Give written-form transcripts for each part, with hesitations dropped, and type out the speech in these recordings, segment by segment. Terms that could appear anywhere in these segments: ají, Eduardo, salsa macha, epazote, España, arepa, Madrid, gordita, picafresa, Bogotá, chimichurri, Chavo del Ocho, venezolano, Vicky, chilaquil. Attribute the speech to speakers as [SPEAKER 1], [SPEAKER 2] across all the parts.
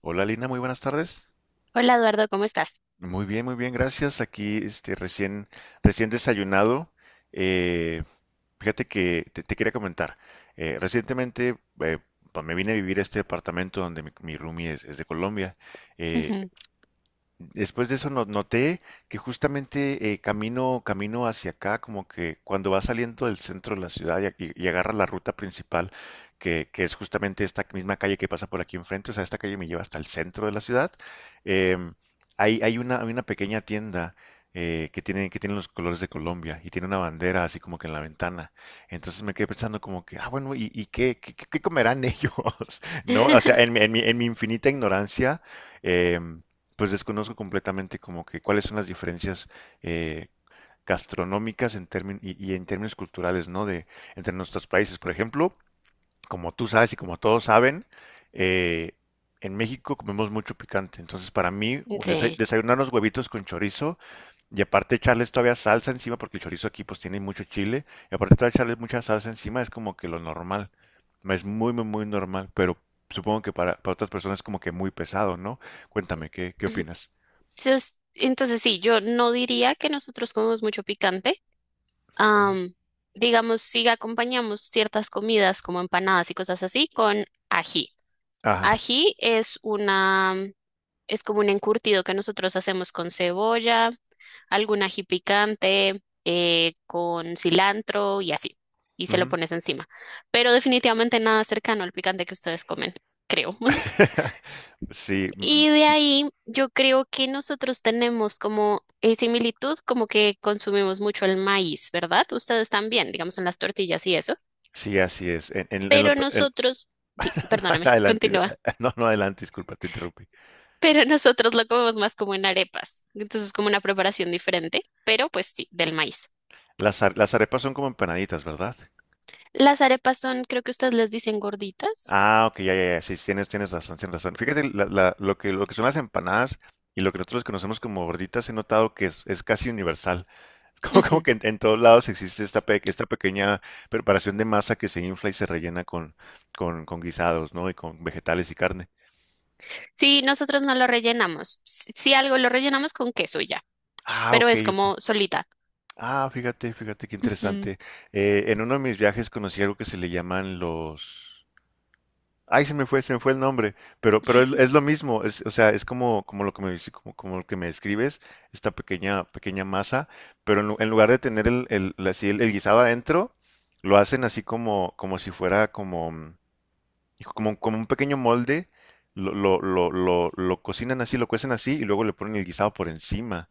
[SPEAKER 1] Hola Lina, muy buenas tardes.
[SPEAKER 2] Hola Eduardo, ¿cómo estás?
[SPEAKER 1] Muy bien, gracias. Aquí recién, recién desayunado. Eh, Fíjate que te quería comentar. Recientemente eh, me vine a vivir a este departamento donde mi roomie es de Colombia. Eh,
[SPEAKER 2] Ujú.
[SPEAKER 1] Después de eso noté que justamente camino, camino hacia acá, como que cuando vas saliendo del centro de la ciudad y agarras la ruta principal, que es justamente esta misma calle que pasa por aquí enfrente. O sea, esta calle me lleva hasta el centro de la ciudad. em, Hay una pequeña tienda que tiene los colores de Colombia y tiene una bandera así como que en la ventana. Entonces me quedé pensando como que, ah, bueno, ¿Y qué comerán ellos? ¿No? O sea, en mi infinita ignorancia. em, pues desconozco completamente como que cuáles son las diferencias eh, gastronómicas y en términos culturales, ¿no? De entre nuestros países. Por ejemplo, como tú sabes y como todos saben, eh, en México comemos mucho picante. Entonces, para mí, un
[SPEAKER 2] Sí.
[SPEAKER 1] desayunar unos huevitos con chorizo y aparte echarles todavía salsa encima, porque el chorizo aquí pues tiene mucho chile, y aparte todavía echarles mucha salsa encima es como que lo normal. Es muy, muy, muy normal, pero supongo que para otras personas es como que muy pesado, ¿no? Cuéntame, ¿ qué opinas?
[SPEAKER 2] Entonces sí, yo no diría que nosotros comemos mucho picante. Am, digamos, sí acompañamos ciertas comidas como empanadas y cosas así con ají.
[SPEAKER 1] Ajá.
[SPEAKER 2] Ají es una, es como un encurtido que nosotros hacemos con cebolla, algún ají picante, con cilantro y así. Y se lo
[SPEAKER 1] Ujú.
[SPEAKER 2] pones encima. Pero definitivamente nada cercano al picante que ustedes comen, creo.
[SPEAKER 1] Sí, mm,
[SPEAKER 2] Y de ahí yo creo que nosotros tenemos como similitud, como que consumimos mucho el maíz, ¿verdad? Ustedes también, digamos, en las tortillas y eso.
[SPEAKER 1] sí, así es. En lo
[SPEAKER 2] Pero
[SPEAKER 1] pe- en-
[SPEAKER 2] nosotros, sí,
[SPEAKER 1] No,
[SPEAKER 2] perdóname,
[SPEAKER 1] adelante,
[SPEAKER 2] continúa.
[SPEAKER 1] no, no, adelante, disculpa, te interrumpí.
[SPEAKER 2] Pero nosotros lo comemos más como en arepas. Entonces es como una preparación diferente, pero pues sí, del maíz.
[SPEAKER 1] Las arepas son como empanaditas, ¿verdad?
[SPEAKER 2] Las arepas son, creo que ustedes les dicen gorditas.
[SPEAKER 1] Ah, ok, ya, ya, ya, sí, tienes, tienes razón, tienes razón. Fíjate, lo que son las empanadas y lo que nosotros conocemos como gorditas, he notado que es casi universal. Como, como
[SPEAKER 2] Ujú.
[SPEAKER 1] que en todos lados existe esta pequeña preparación de masa que se infla y se rellena con guisados, ¿no? Y con vegetales y carne.
[SPEAKER 2] Sí, nosotros no lo rellenamos. Si si algo lo rellenamos con queso y ya,
[SPEAKER 1] Ah,
[SPEAKER 2] pero
[SPEAKER 1] ok,
[SPEAKER 2] es como
[SPEAKER 1] ok.
[SPEAKER 2] solita.
[SPEAKER 1] Ah, fíjate, fíjate qué
[SPEAKER 2] Ujú.
[SPEAKER 1] interesante. En uno de mis viajes conocí algo que se le llaman los... Ay, se me fue el nombre, pero es lo mismo. Es, o sea, es como, como lo que me, dice- como, como lo que me describes, esta pequeña, pequeña masa, pero en lugar de tener así el guisado adentro, lo hacen así como, como si fuera como, y como, como un pequeño molde, lo cocinan así, lo cuecen así y luego le ponen el guisado por encima.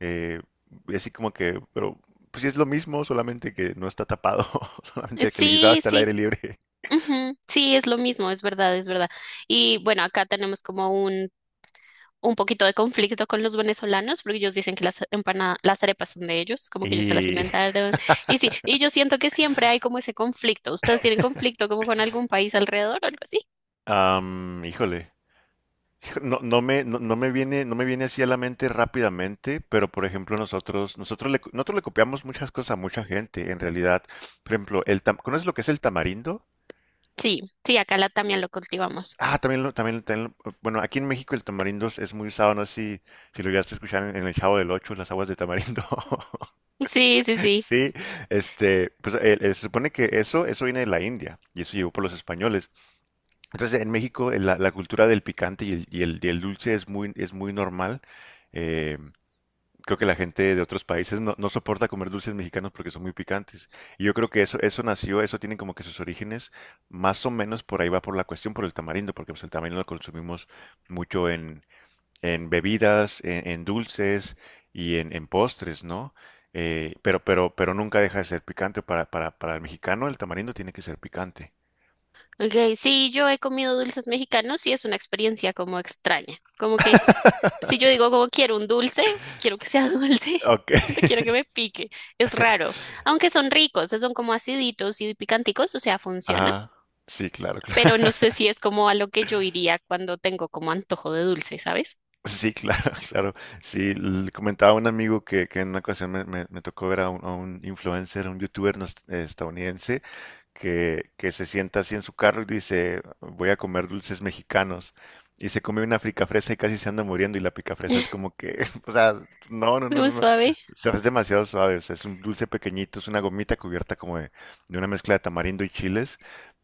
[SPEAKER 1] Eh, y así como que, pero pues sí es lo mismo, solamente que no está tapado, solamente que el guisado
[SPEAKER 2] Sí,
[SPEAKER 1] está al aire
[SPEAKER 2] sí.
[SPEAKER 1] libre.
[SPEAKER 2] Ujú, sí, es lo mismo, es verdad, es verdad. Y bueno, acá tenemos como un poquito de conflicto con los venezolanos, porque ellos dicen que las empanadas, las arepas son de ellos, como que ellos se las
[SPEAKER 1] Y,
[SPEAKER 2] inventaron. Y sí, y yo siento que siempre hay como ese conflicto. ¿Ustedes tienen conflicto como con algún país alrededor o algo así?
[SPEAKER 1] híjole, no me viene, no me viene así a la mente rápidamente, pero por ejemplo nosotros le copiamos muchas cosas a mucha gente, en realidad. Por ejemplo, ¿conoces lo que es el tamarindo?
[SPEAKER 2] Sí, sí, acá también lo cultivamos.
[SPEAKER 1] Ah, también lo, también, bueno, aquí en México el tamarindo es muy usado, no sé si, si lo llegaste a escuchar en el Chavo del Ocho, las aguas de tamarindo.
[SPEAKER 2] Sí, sí, sí.
[SPEAKER 1] Sí, este, pues se supone que eso viene de la India y eso llegó por los españoles. Entonces en México la cultura del picante y el dulce es muy normal. eh, Creo que la gente de otros países no, no soporta comer dulces mexicanos porque son muy picantes. Y yo creo que eso nació, eso tiene como que sus orígenes, más o menos por ahí va por la cuestión, por el tamarindo, porque pues, el tamarindo lo consumimos mucho en bebidas, en dulces y en postres, ¿no? Pero pero nunca deja de ser picante. Para el mexicano el tamarindo tiene que ser picante.
[SPEAKER 2] Okay, sí, yo he comido dulces mexicanos y es una experiencia como extraña. Como que si yo digo como quiero un dulce, quiero que sea dulce,
[SPEAKER 1] Ok.
[SPEAKER 2] no quiero que me pique. Es raro. Aunque son ricos, son como aciditos y picanticos, o sea, funciona.
[SPEAKER 1] Ajá. Sí, claro, claro.
[SPEAKER 2] Pero no sé si es como a lo que yo iría cuando tengo como antojo de dulce, ¿sabes?
[SPEAKER 1] Sí, claro, claro. Sí, comentaba a un amigo que en una ocasión me tocó ver a a un influencer, un youtuber estadounidense, que se sienta así en su carro y dice, voy a comer dulces mexicanos. Y se come una picafresa y casi se anda muriendo. Y la picafresa es como que, o sea, no, no, no,
[SPEAKER 2] Muy
[SPEAKER 1] no, no.
[SPEAKER 2] suave.
[SPEAKER 1] O sea, es demasiado suave. O sea, es un dulce pequeñito, es una gomita cubierta como de una mezcla de tamarindo y chiles.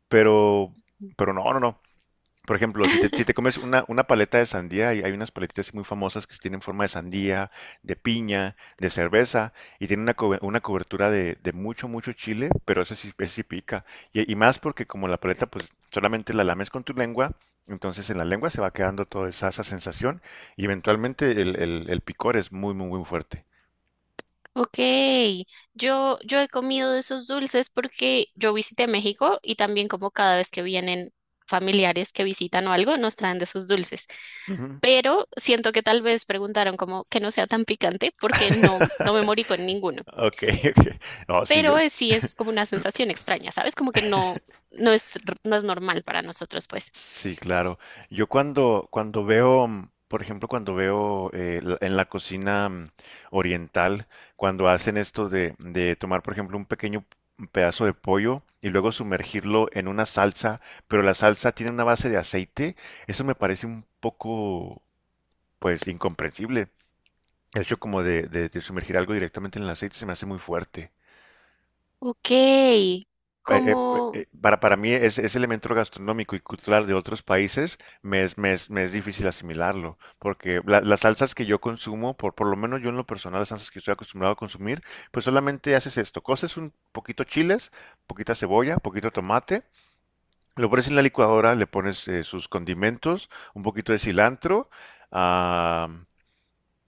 [SPEAKER 1] Pero, pero no, no, no. Por ejemplo, si te comes una paleta de sandía, hay unas paletitas así muy famosas que tienen forma de sandía, de piña, de cerveza, y tienen una cobertura de mucho, mucho chile, pero ese sí pica. Y más porque como la paleta, pues solamente la lames con tu lengua, entonces en la lengua se va quedando toda esa, esa sensación, y eventualmente el picor es muy, muy, muy fuerte.
[SPEAKER 2] Ok, yo he comido de esos dulces porque yo visité México y también como cada vez que vienen familiares que visitan o algo, nos traen de esos dulces.
[SPEAKER 1] Ujú.
[SPEAKER 2] Pero siento que tal vez preguntaron como que no sea tan picante porque no me morí con ninguno.
[SPEAKER 1] Ok, ok. No, sí, yo,
[SPEAKER 2] Pero sí es como una sensación extraña, ¿sabes? Como que no es normal para nosotros, pues.
[SPEAKER 1] sí, claro. Yo cuando, cuando veo, mm, por ejemplo, cuando veo en la cocina oriental, cuando hacen esto de tomar, por ejemplo, un pequeño pedazo de pollo y luego sumergirlo en una salsa, pero la salsa tiene una base de aceite, eso me parece un poco, pues, incomprensible. El hecho como de sumergir algo directamente en el aceite se me hace muy fuerte.
[SPEAKER 2] Ok, como...
[SPEAKER 1] Para mí es ese elemento gastronómico y cultural de otros países me es, me es, me es difícil asimilarlo, porque las salsas que yo consumo, por lo menos yo en lo personal, las salsas que estoy acostumbrado a consumir, pues solamente haces esto, coces un poquito chiles, poquita cebolla, poquito tomate, lo pones en la licuadora, le pones sus condimentos, un poquito de cilantro, ah,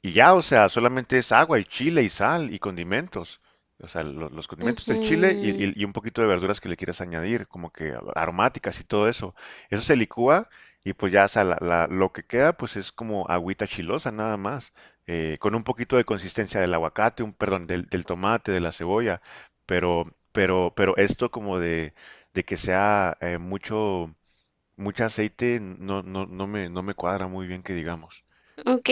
[SPEAKER 1] y ya, o sea, solamente es agua y chile y sal y condimentos. O sea, los condimentos del chile
[SPEAKER 2] Ujú,
[SPEAKER 1] y un poquito de verduras que le quieras añadir, como que aromáticas y todo eso. Eso se licúa y pues ya. O sea, lo que queda pues es como agüita chilosa nada más, con un poquito de consistencia del aguacate, un, perdón, del tomate, de la cebolla, pero esto como de que sea mucho, mucho aceite no, no, no me cuadra muy bien que digamos.
[SPEAKER 2] ok,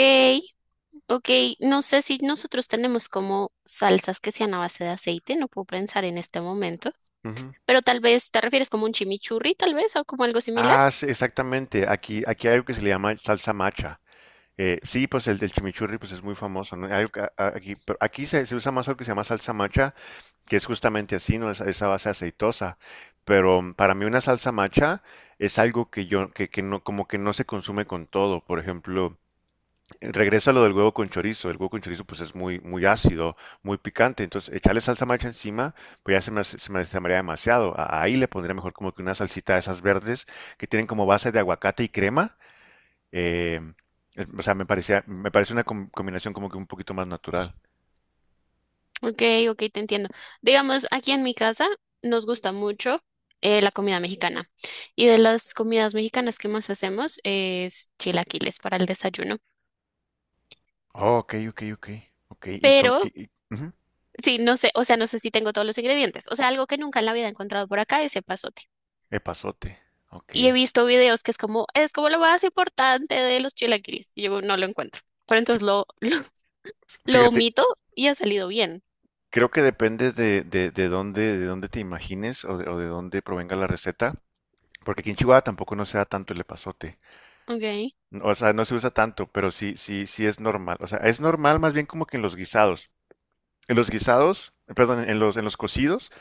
[SPEAKER 2] ok, no sé si nosotros tenemos como salsas que sean a base de aceite, no puedo pensar en este momento,
[SPEAKER 1] Ujú.
[SPEAKER 2] pero tal vez te refieres como un chimichurri, tal vez, o como algo similar.
[SPEAKER 1] Ah, sí, exactamente. Aquí, aquí hay algo que se le llama salsa macha. Sí, pues el del chimichurri pues es muy famoso, ¿no? Hay algo que- a- aquí, pero Aquí se usa más algo que se llama salsa macha, que es justamente así, ¿no? Esa base aceitosa. Pero mm, para mí una salsa macha es algo que que no, como que no se consume con todo. Por ejemplo, regresa lo del huevo con chorizo. El huevo con chorizo pues es muy, muy ácido, muy picante. Entonces echarle salsa macha encima pues ya se me, hace- se me haría demasiado. Ahí le pondría mejor como que una salsita de esas verdes que tienen como base de aguacate y crema. Eh, o sea, me parecía, me parece una combinación como que un poquito más natural.
[SPEAKER 2] Ok, ok, te entiendo. Digamos, aquí en mi casa nos gusta mucho la comida mexicana. Y de las comidas mexicanas que más hacemos es chilaquiles para el desayuno.
[SPEAKER 1] Oh, ok, ok, ok. Ok, y con...
[SPEAKER 2] Pero
[SPEAKER 1] Ujú,
[SPEAKER 2] sí, no sé, o sea, no sé si tengo todos los ingredientes. O sea, algo que nunca en la vida he encontrado por acá es epazote.
[SPEAKER 1] epazote. Ok.
[SPEAKER 2] Y he visto videos que es como lo más importante de los chilaquiles. Y yo no lo encuentro. Pero entonces lo, lo
[SPEAKER 1] Fíjate,
[SPEAKER 2] omito y ha salido bien.
[SPEAKER 1] creo que depende de dónde te imagines o o de dónde provenga la receta, porque aquí en Chihuahua tampoco no se da tanto el epazote.
[SPEAKER 2] Ok,
[SPEAKER 1] No, o sea, no se usa tanto, pero sí, sí, sí es normal. O sea, es normal más bien como que en los guisados. En los guisados, perdón, en los cocidos,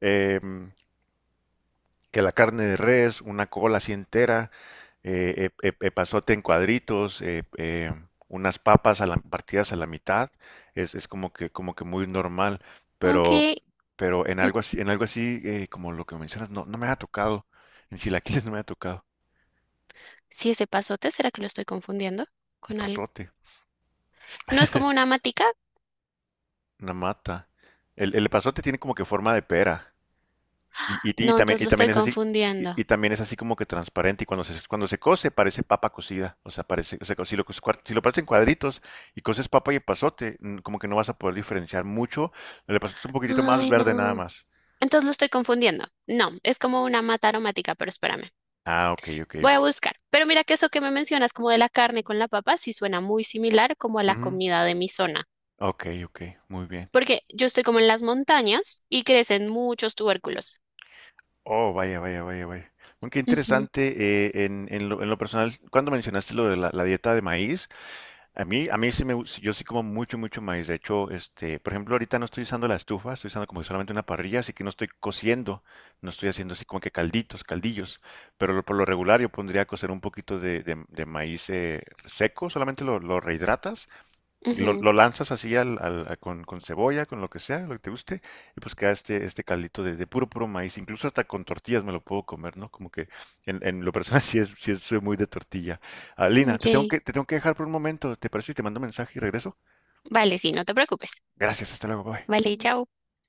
[SPEAKER 1] em, que la carne de res, una cola así entera, pasote en cuadritos, unas papas partidas a la mitad, es como que muy normal,
[SPEAKER 2] ok.
[SPEAKER 1] pero, pero
[SPEAKER 2] Mm,
[SPEAKER 1] en algo así como lo que mencionas, no, no me ha tocado, en chilaquiles no me ha tocado,
[SPEAKER 2] sí, es epazote, ¿será que lo estoy confundiendo
[SPEAKER 1] el
[SPEAKER 2] con algo?
[SPEAKER 1] pasote,
[SPEAKER 2] ¿No es como una matica?
[SPEAKER 1] una mata. El epazote tiene como que forma de pera,
[SPEAKER 2] No, entonces
[SPEAKER 1] y
[SPEAKER 2] lo
[SPEAKER 1] también
[SPEAKER 2] estoy
[SPEAKER 1] es así, y
[SPEAKER 2] confundiendo.
[SPEAKER 1] también es así como que transparente. Y cuando se cose, parece papa cocida. O sea, parece, o sea, si lo partes en cuadritos y coces papa y epazote, mm, como que no vas a poder diferenciar mucho. El epazote es un poquitito más
[SPEAKER 2] Ay,
[SPEAKER 1] verde nada
[SPEAKER 2] no.
[SPEAKER 1] más.
[SPEAKER 2] Entonces lo estoy confundiendo. No, es como una mata aromática, pero espérame.
[SPEAKER 1] Ah, ok, ok,
[SPEAKER 2] Voy
[SPEAKER 1] ok.
[SPEAKER 2] a buscar. Pero mira que eso que me mencionas como de la carne con la papa sí suena muy similar como a la
[SPEAKER 1] Ujú,
[SPEAKER 2] comida de mi zona.
[SPEAKER 1] ok, ok, muy bien.
[SPEAKER 2] Porque yo estoy como en las montañas y crecen muchos tubérculos.
[SPEAKER 1] Oh, vaya, vaya, vaya, vaya. Bueno, qué
[SPEAKER 2] Ujú,
[SPEAKER 1] interesante. En lo, en lo personal, cuando mencionaste lo de la, la dieta de maíz, a mí, a mí sí yo sí como mucho, mucho maíz. De hecho, este, por ejemplo, ahorita no estoy usando la estufa, estoy usando como solamente una parrilla, así que no estoy cociendo, no estoy haciendo así como que calditos, caldillos. Pero por lo regular yo pondría a cocer un poquito de maíz seco, solamente lo rehidratas y
[SPEAKER 2] ujú.
[SPEAKER 1] lo lanzas así con cebolla, con lo que sea, lo que te guste, y pues queda este, este caldito de puro, puro maíz. Incluso hasta con tortillas me lo puedo comer, ¿no? Como que en lo personal sí, es, soy muy de tortilla. Ah, Lina,
[SPEAKER 2] Ok.
[SPEAKER 1] te tengo que dejar por un momento, ¿te parece si te mando un mensaje y regreso?
[SPEAKER 2] Vale, sí, no te preocupes.
[SPEAKER 1] Gracias, hasta luego, bye.
[SPEAKER 2] Vale, chao.